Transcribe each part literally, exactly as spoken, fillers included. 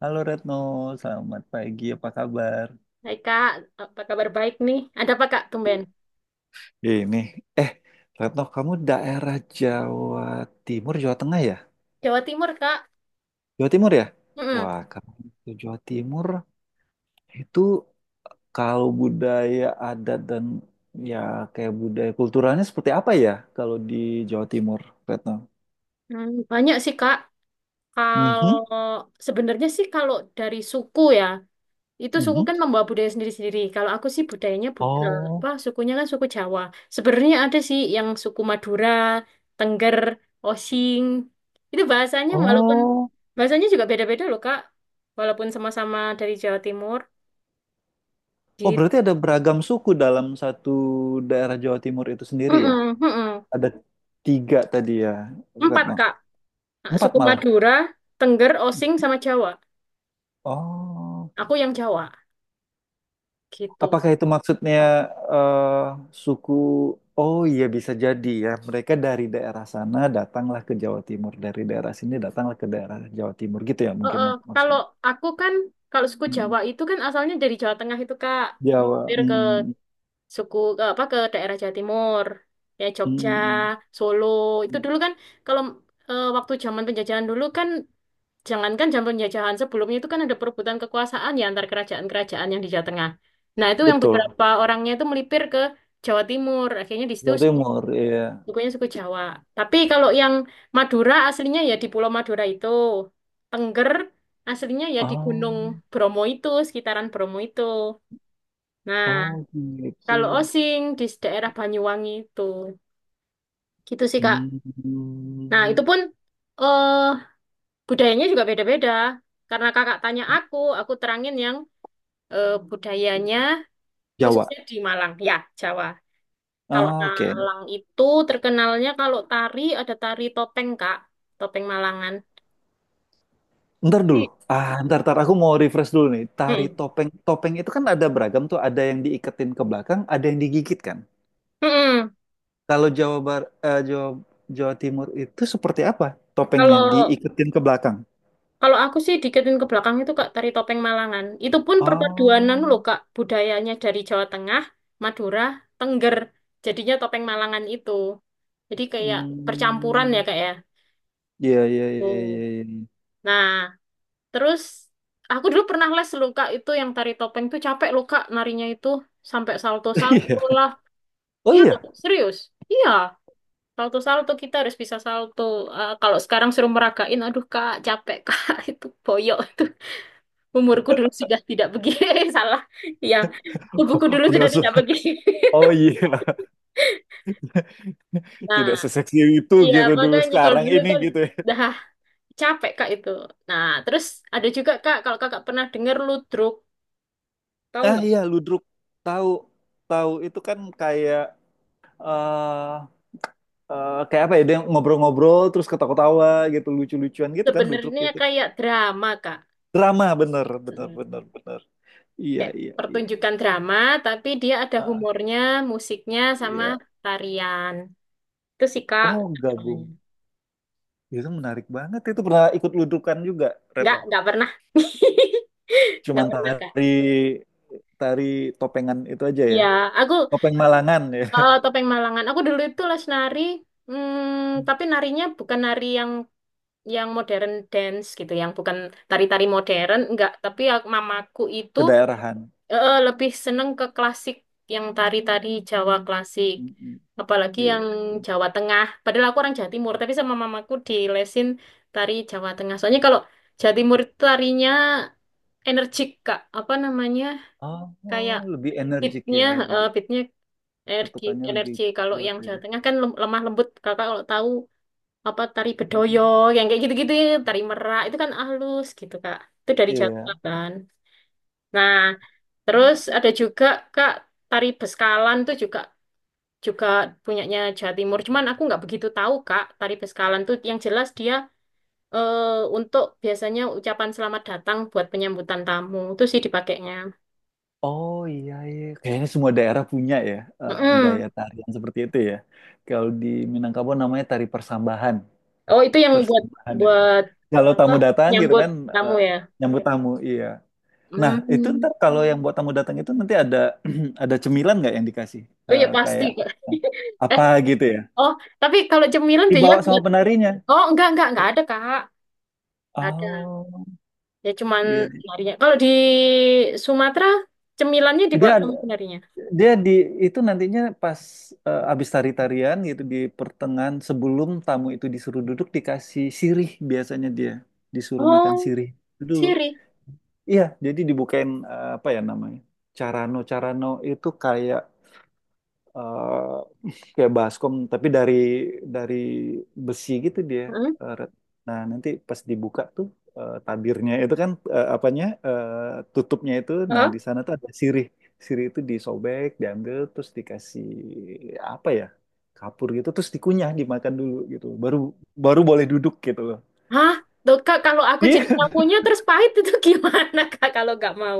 Halo Retno, selamat pagi, apa kabar? Hai Kak, apa kabar baik nih? Ada apa Kak, tumben? Ini, eh, Retno, kamu daerah Jawa Timur, Jawa Tengah ya? Jawa Timur, Kak. Jawa Timur ya? Mm-mm. Wah, kamu itu Jawa Timur itu kalau budaya adat dan ya kayak budaya kulturalnya seperti apa ya kalau di Jawa Timur, Retno? Hmm, banyak sih Kak. Mhm, Kalau sebenarnya sih kalau dari suku ya, itu suku mhm. kan membawa budaya sendiri-sendiri. Kalau aku sih budayanya bud eh, Oh, apa sukunya kan suku Jawa. Sebenarnya ada sih yang suku Madura, Tengger, Osing. Itu bahasanya walaupun oh, bahasanya juga beda-beda loh Kak. Walaupun sama-sama dari Jawa Timur. oh, Gitu. berarti ada beragam suku dalam satu daerah Jawa Timur itu sendiri ya? Mm-mm, mm-mm. Ada tiga tadi ya, Empat Retno. Kak. Nah, Empat suku malah. Madura, Tengger, Osing, sama Jawa. Oh, Aku yang Jawa, gitu. apakah itu maksudnya eh, suku? Oh iya bisa jadi ya. Mereka dari daerah sana datanglah ke Jawa Timur, dari daerah sini datanglah ke daerah Jawa Timur gitu ya Eh, mungkin eh, mak- kalau maksudnya. aku kan, kalau suku Mm, Jawa itu kan asalnya dari Jawa Tengah itu, Kak. Jawa. Mampir ke Mm, suku, ke apa, ke daerah Jawa Timur. Ya, mm, Jogja, mm, Solo. mm. Itu Mm. dulu kan, kalau eh, waktu zaman penjajahan dulu kan, jangankan zaman penjajahan sebelumnya itu kan ada perebutan kekuasaan ya antar kerajaan-kerajaan yang di Jawa Tengah. Nah, itu yang Betul. beberapa orangnya itu melipir ke Jawa Timur. Akhirnya di situ Jawa Timur ya. sukunya suku Jawa. Tapi kalau yang Madura aslinya ya di Pulau Madura itu. Tengger aslinya ya di Gunung Oh, Bromo itu, sekitaran Bromo itu. Nah, oh gitu. kalau Osing di daerah Banyuwangi itu. Gitu sih, Kak. Nah, Hmm. itu pun eh budayanya juga beda-beda. Karena Kakak tanya aku, aku terangin yang eh, budayanya Jawa. khususnya di Malang, ya, Jawa. Kalau Oke. Malang itu terkenalnya kalau tari ada tari topeng, Kak. Topeng Malangan. Ntar dulu. Ah, ntar, ntar aku mau refresh dulu nih. Tari Mm-mm. topeng. Topeng itu kan ada beragam tuh. Ada yang diiketin ke belakang, ada yang digigit kan. Mm-mm. Kalau Jawa Bar, eh, Jawa, Jawa Timur itu seperti apa topengnya? Kalau Diiketin ke belakang. kalau aku sih diketin ke belakang itu Kak tari topeng Malangan. Itu pun Oh, perpaduanan loh Kak budayanya dari Jawa Tengah, Madura, Tengger. Jadinya topeng Malangan itu. Jadi kayak percampuran ya hmm, Kak ya. iya, iya, iya, Oh. iya, iya. Nah, terus aku dulu pernah les loh Kak itu yang tari topeng tuh capek loh Kak narinya itu sampai salto-salto Iya. lah. Oh Iya loh, iya. serius. Iya. Salto-salto kita harus bisa salto. Eh, kalau sekarang suruh meragain, aduh kak capek kak itu boyok itu. Umurku dulu sudah tidak begini, salah. Ya, tubuhku dulu sudah Nggak se- tidak begini. Oh iya. Nah, Tidak seseksi itu iya gitu dulu. makanya kalau Sekarang dulu ini tuh gitu ya. dah capek kak itu. Nah, terus ada juga kak kalau kakak pernah dengar ludruk, tahu Ah nggak? iya, ludruk. Tahu, tahu itu kan kayak eh eh, kayak apa ya dia ngobrol-ngobrol terus ketawa-ketawa gitu lucu-lucuan gitu kan ludruk Sebenarnya gitu. kayak drama kak. Drama, bener bener Mm-mm. bener bener, iya Kayak iya iya. pertunjukan drama, tapi dia ada Ah, humornya, musiknya sama iya tarian. Itu sih kak. oh Nah, gabung. Ya, itu menarik banget itu pernah ikut ludrukan juga Nggak, Retno nggak pernah. Nggak cuman pernah, Kak. tari tari topengan itu aja ya, Ya, aku topeng Malangan ya. eh, topeng Malangan. Aku dulu itu les nari, hmm, tapi narinya bukan nari yang yang modern dance gitu, yang bukan tari-tari modern, enggak. Tapi aku- mamaku itu Kedaerahan. eh, lebih seneng ke klasik, yang tari-tari Jawa klasik. Mm-mm. Apalagi Iya. yang Jawa Tengah. Padahal aku orang Jawa Timur, tapi sama mamaku dilesin tari Jawa Tengah. Soalnya kalau Jawa Timur itu tarinya energik, Kak. Apa namanya? Oh, Kayak lebih energik pitnya, ya, eh lebih pitnya energi, ketukannya lebih energi. Kalau kuat yang ya. Jawa Tengah kan lem- lemah lembut. Kakak kalau tahu apa tari bedoyo, Mm-mm. yang kayak gitu-gitu, ya, tari merak itu kan halus gitu kak. Itu dari Jawa Iya. Tengah kan. Nah, terus ada juga kak tari beskalan tuh juga juga punyanya Jawa Timur. Cuman aku nggak begitu tahu kak tari beskalan tuh yang jelas dia eh untuk biasanya ucapan selamat datang buat penyambutan tamu itu sih dipakainya. Oh iya iya, kayaknya semua daerah punya ya eh, Mm-mm. gaya tarian seperti itu ya. Kalau di Minangkabau namanya tari persambahan, Oh itu yang buat persambahan ya. buat. Kalau tamu Wah, datang gitu nyambut kan, kamu eh, ya. nyambut tamu, iya. Nah itu Hmm. ntar kalau yang buat tamu datang itu nanti ada, ada cemilan nggak yang dikasih? Oh ya Eh, pasti. kayak Kak. Eh, apa gitu ya? oh, tapi kalau cemilan biasanya Dibawa buat. sama penarinya. Oh, enggak enggak enggak ada, Kak. Ada. Oh Ya cuman iya, narinya. Kalau di Sumatera cemilannya dia dibawa ada. sama penarinya. Dia di itu nantinya pas eh, abis tari-tarian gitu di pertengahan sebelum tamu itu disuruh duduk dikasih sirih biasanya dia disuruh makan Oh, sirih dulu. siri. Iya, jadi dibukain, eh, apa ya namanya? Carano, carano itu kayak eh kayak baskom tapi dari dari besi gitu dia, Heeh. eh, Red. Nah nanti pas dibuka tuh, eh, tabirnya itu kan, eh, apanya, eh, tutupnya itu nah Heeh. di sana tuh ada sirih. Sirih itu disobek diambil terus dikasih apa ya kapur gitu terus dikunyah dimakan dulu gitu baru baru boleh duduk gitu loh. Hah? Tuh, Kak, kalau aku jadi Iya, tamunya terus pahit itu gimana, Kak, kalau nggak mau?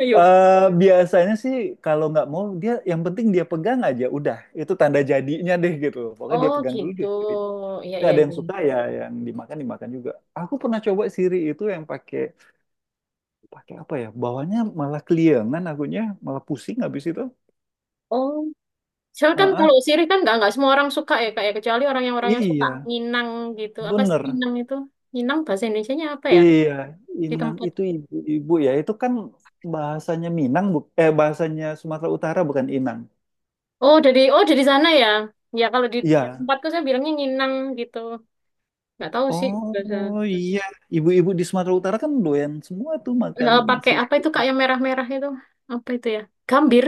Ayo. eh, biasanya sih kalau nggak mau dia yang penting dia pegang aja udah itu tanda jadinya deh gitu. Pokoknya dia Oh, pegang dulu gitu. deh. Iya, Tapi iya, ada yang iya. suka ya yang dimakan dimakan juga. Aku pernah coba siri itu yang pakai pakai apa ya bawahnya malah keliengan akunya malah pusing habis itu. Soalnya kan Heeh. kalau sirih kan nggak nggak semua orang suka ya kak ya kecuali orang yang orang yang suka Iya Minang gitu. Apa sih bener. Minang itu? Minang bahasa Indonesianya apa ya? Iya, Di inang tempat. itu ibu-ibu ya itu kan, bahasanya Minang bu eh bahasanya Sumatera Utara bukan inang. Oh dari oh dari sana ya. Ya kalau di Iya tempatku saya bilangnya Minang gitu. Nggak tahu sih bahasa. oh iya, ibu-ibu di Sumatera Utara kan doyan semua tuh Eh, makan pakai siri, apa itu kak yang merah-merah itu? Apa itu ya? Gambir.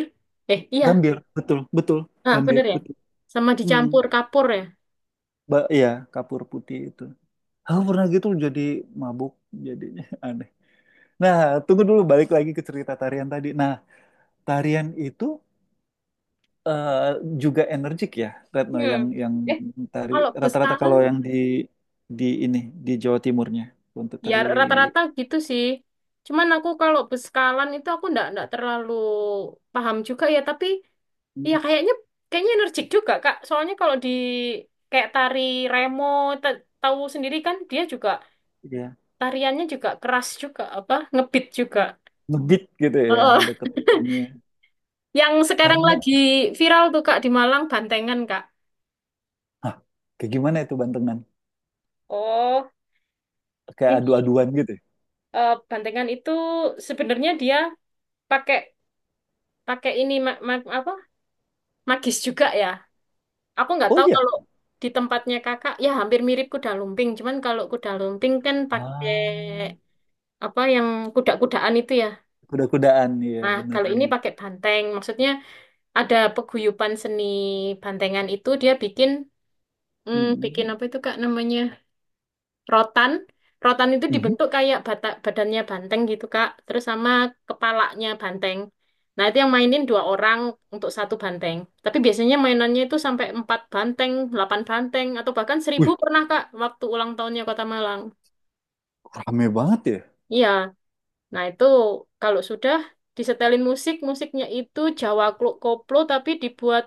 Eh iya. gambir, betul betul Ah gambir bener ya. betul. Sama Hmm. dicampur kapur ya. Ba- iya, kapur putih itu. Aku pernah gitu jadi mabuk, jadinya aneh. Nah, tunggu dulu balik lagi ke cerita tarian tadi. Nah, tarian itu eh, juga energik ya, Retno, yang Hmm. yang Eh tari kalau rata-rata Beskala, kalau yang di di ini di Jawa Timurnya untuk ya tari rata-rata gitu sih. Cuman aku kalau beskalan itu aku ndak ndak terlalu paham juga ya. Tapi ya kayaknya kayaknya energik juga Kak. Soalnya kalau di kayak tari remo, ta- tahu sendiri kan dia juga ya tariannya juga keras juga apa ngebeat juga. ngebeat gitu ya, ada Heeh. ketukannya. Yang sekarang Karena lagi viral tuh Kak di Malang Bantengan Kak. ah, kayak gimana itu bantengan? Oh, Kayak ini adu-aduan gitu, ya? eh, Bantengan itu sebenarnya dia pakai pakai ini ma- ma- apa magis juga ya. Aku nggak Oh tahu iya. kalau di tempatnya kakak, ya hampir mirip kuda lumping. Cuman kalau kuda lumping kan pakai Ah, apa yang kuda-kudaan itu ya. kuda-kudaan ya, Nah, kalau ini benar-benar. pakai banteng. Maksudnya ada peguyupan seni bantengan itu dia bikin, hmm, Mm, bikin mm. apa itu kak namanya? Rotan. Rotan itu Mhm. dibentuk kayak bata- badannya banteng gitu, Kak. Terus sama kepalanya banteng. Nah, itu yang mainin dua orang untuk satu banteng. Tapi biasanya mainannya itu sampai empat banteng, delapan banteng, atau bahkan seribu Wih, pernah, Kak, waktu ulang tahunnya Kota Malang. rame banget ya. Iya, nah itu kalau sudah disetelin musik, musiknya itu Jawa Kluk Koplo tapi dibuat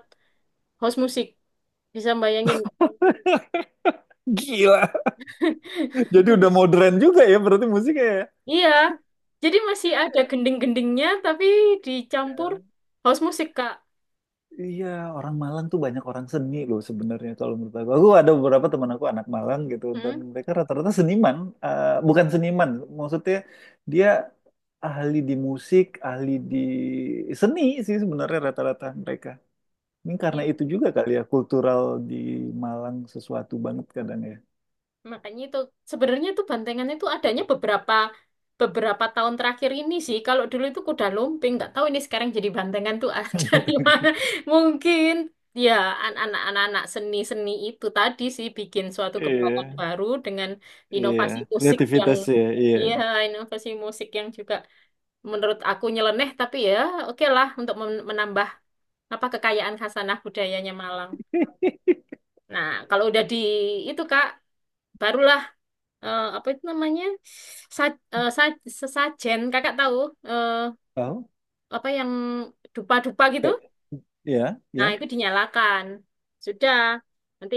house musik. Bisa bayangin? Gila. Jadi udah modern juga ya berarti musiknya ya. Iya, jadi masih ada gending-gendingnya tapi dicampur house musik, Kak. Iya, orang Malang tuh banyak orang seni loh sebenarnya kalau menurut aku. Aku ada beberapa teman aku anak Malang gitu dan Hmm, mereka rata-rata seniman, eh, bukan seniman, maksudnya dia ahli di musik, ahli di seni sih sebenarnya rata-rata mereka. Ini karena iya. itu juga kali ya kultural di Malang sesuatu banget kadang ya. Makanya itu sebenarnya itu bantengan itu adanya beberapa beberapa tahun terakhir ini sih. Kalau dulu itu kuda lumping, nggak tahu ini sekarang jadi bantengan tuh dari mana. Mungkin ya anak-anak seni-seni itu tadi sih bikin suatu gebrakan Iya, baru dengan iya, inovasi musik yang kreativitasnya, iya. iya inovasi musik yang juga menurut aku nyeleneh tapi ya oke lah untuk men- menambah apa kekayaan khasanah budayanya Malang. Nah, kalau udah di itu Kak barulah eh, apa itu namanya sa, eh, sa, sesajen kakak tahu eh, Tahu? apa yang dupa-dupa gitu, Iya, nah iya. itu dinyalakan sudah nanti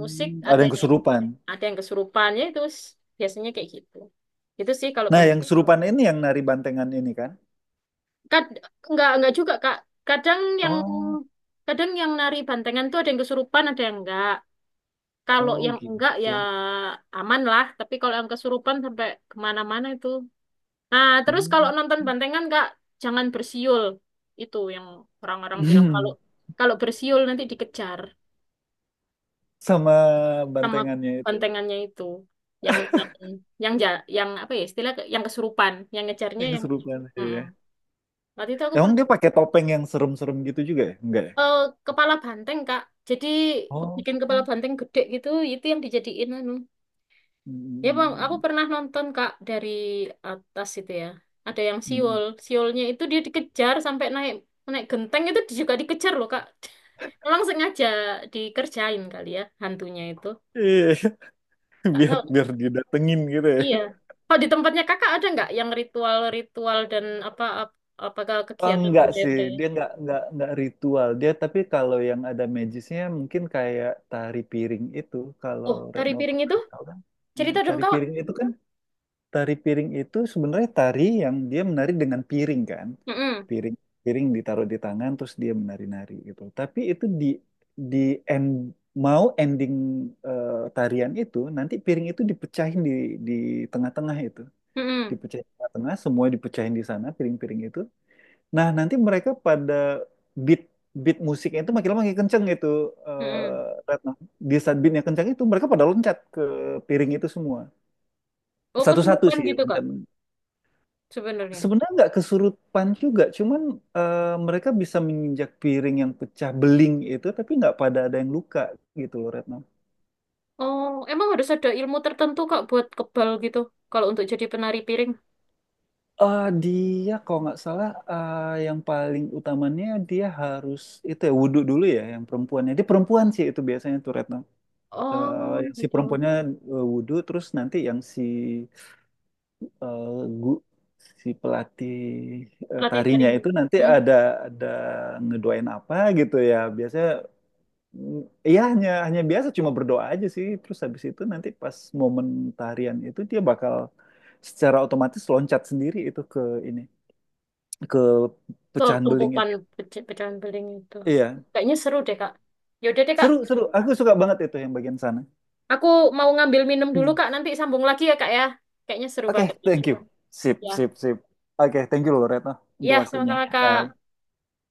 musik ada ada yang yang kesurupan. ada yang kesurupan ya itu s- biasanya kayak gitu itu sih kalau Nah, yang banteng. kesurupan ini yang nari bantengan ini kan? Kad, enggak enggak juga kak kadang yang Oh, kadang yang nari bantengan tuh ada yang kesurupan ada yang enggak, kalau oh yang gitu. enggak ya Wah. aman lah tapi kalau yang kesurupan sampai kemana-mana itu. Nah, terus kalau Hmm. nonton bantengan Kak, jangan bersiul. Itu yang orang-orang bilang kalau kalau bersiul nanti dikejar Sama sama bantengannya itu. bantengannya itu. Yang yang yang ja- yang apa ya istilah yang kesurupan, yang ngejarnya Yang yang. kesurupan. Iya. Mm-mm. Waktu itu aku Emang dia pernah pakai topeng yang serem-serem gitu juga ya? Enggak ya? eh, kepala banteng Kak. Jadi Oh. bikin kepala Hmm. banteng gede gitu, itu yang dijadiin anu. Ya, Bang, aku Hmm. pernah nonton Kak dari atas itu ya. Ada yang Hmm. siul, siulnya itu dia dikejar sampai naik naik genteng itu juga dikejar loh Kak. Memang sengaja dikerjain kali ya hantunya itu. Iya, Nggak biar tahu. biar didatengin gitu ya. Iya. Kalau di tempatnya Kakak ada nggak yang ritual-ritual dan apa ap- apakah Oh, kegiatan enggak sih, budaya-budaya? dia enggak enggak enggak ritual dia. Tapi kalau yang ada magisnya mungkin kayak tari piring itu. Kalau Oh, tari Retno piring itu pernah tahu kan? Hmm, cerita dong tari Kak. piring itu kan tari piring itu sebenarnya tari yang dia menari dengan piring kan, Mm-mm. piring piring ditaruh di tangan terus dia menari-nari gitu. Tapi itu di di end mau ending, eh, tarian itu nanti piring itu dipecahin di di tengah-tengah itu, Mm-mm. dipecahin di tengah-tengah semua dipecahin di sana piring-piring itu. Nah, nanti mereka pada beat beat musiknya itu makin lama makin kenceng itu, Mm-mm. eh, Retno. Di saat beatnya kenceng itu mereka pada loncat ke piring itu semua. Oh, Satu-satu kesurupan sih gitu Kak loncat. sebenarnya. Sebenarnya nggak kesurupan juga, cuman eh, mereka bisa menginjak piring yang pecah beling itu, tapi nggak pada ada yang luka gitu loh Retno. Oh, emang harus ada ilmu tertentu Kak buat kebal gitu kalau untuk jadi penari piring. Eh, dia kalau nggak salah, eh, yang paling utamanya dia harus itu ya wudhu dulu ya yang perempuannya. Dia perempuan sih itu biasanya tuh Retno. eh, Oh, yang si gitu. perempuannya eh, wudhu terus nanti yang si eh, gu- si pelatih eh, Latih tarinya tarinya. itu nanti Hmm? ada ada ngedoain apa gitu ya biasanya mm, iya hanya hanya biasa cuma berdoa aja sih terus habis itu nanti pas momen tarian itu dia bakal secara otomatis loncat sendiri itu ke ini ke Tuh, pecahan beling tumpukan itu. pece- pecahan beling itu. Iya, Kayaknya seru deh, Kak. Yaudah deh, Kak. seru seru aku suka banget itu yang bagian sana. Aku mau ngambil minum dulu, Kak. Nanti sambung lagi ya, Kak ya. Kayaknya seru Oke, banget ini. thank you. Sip, Ya. sip, sip. Oke, thank you loh Retno Ya, untuk waktunya. sama-sama, Kak. Bye.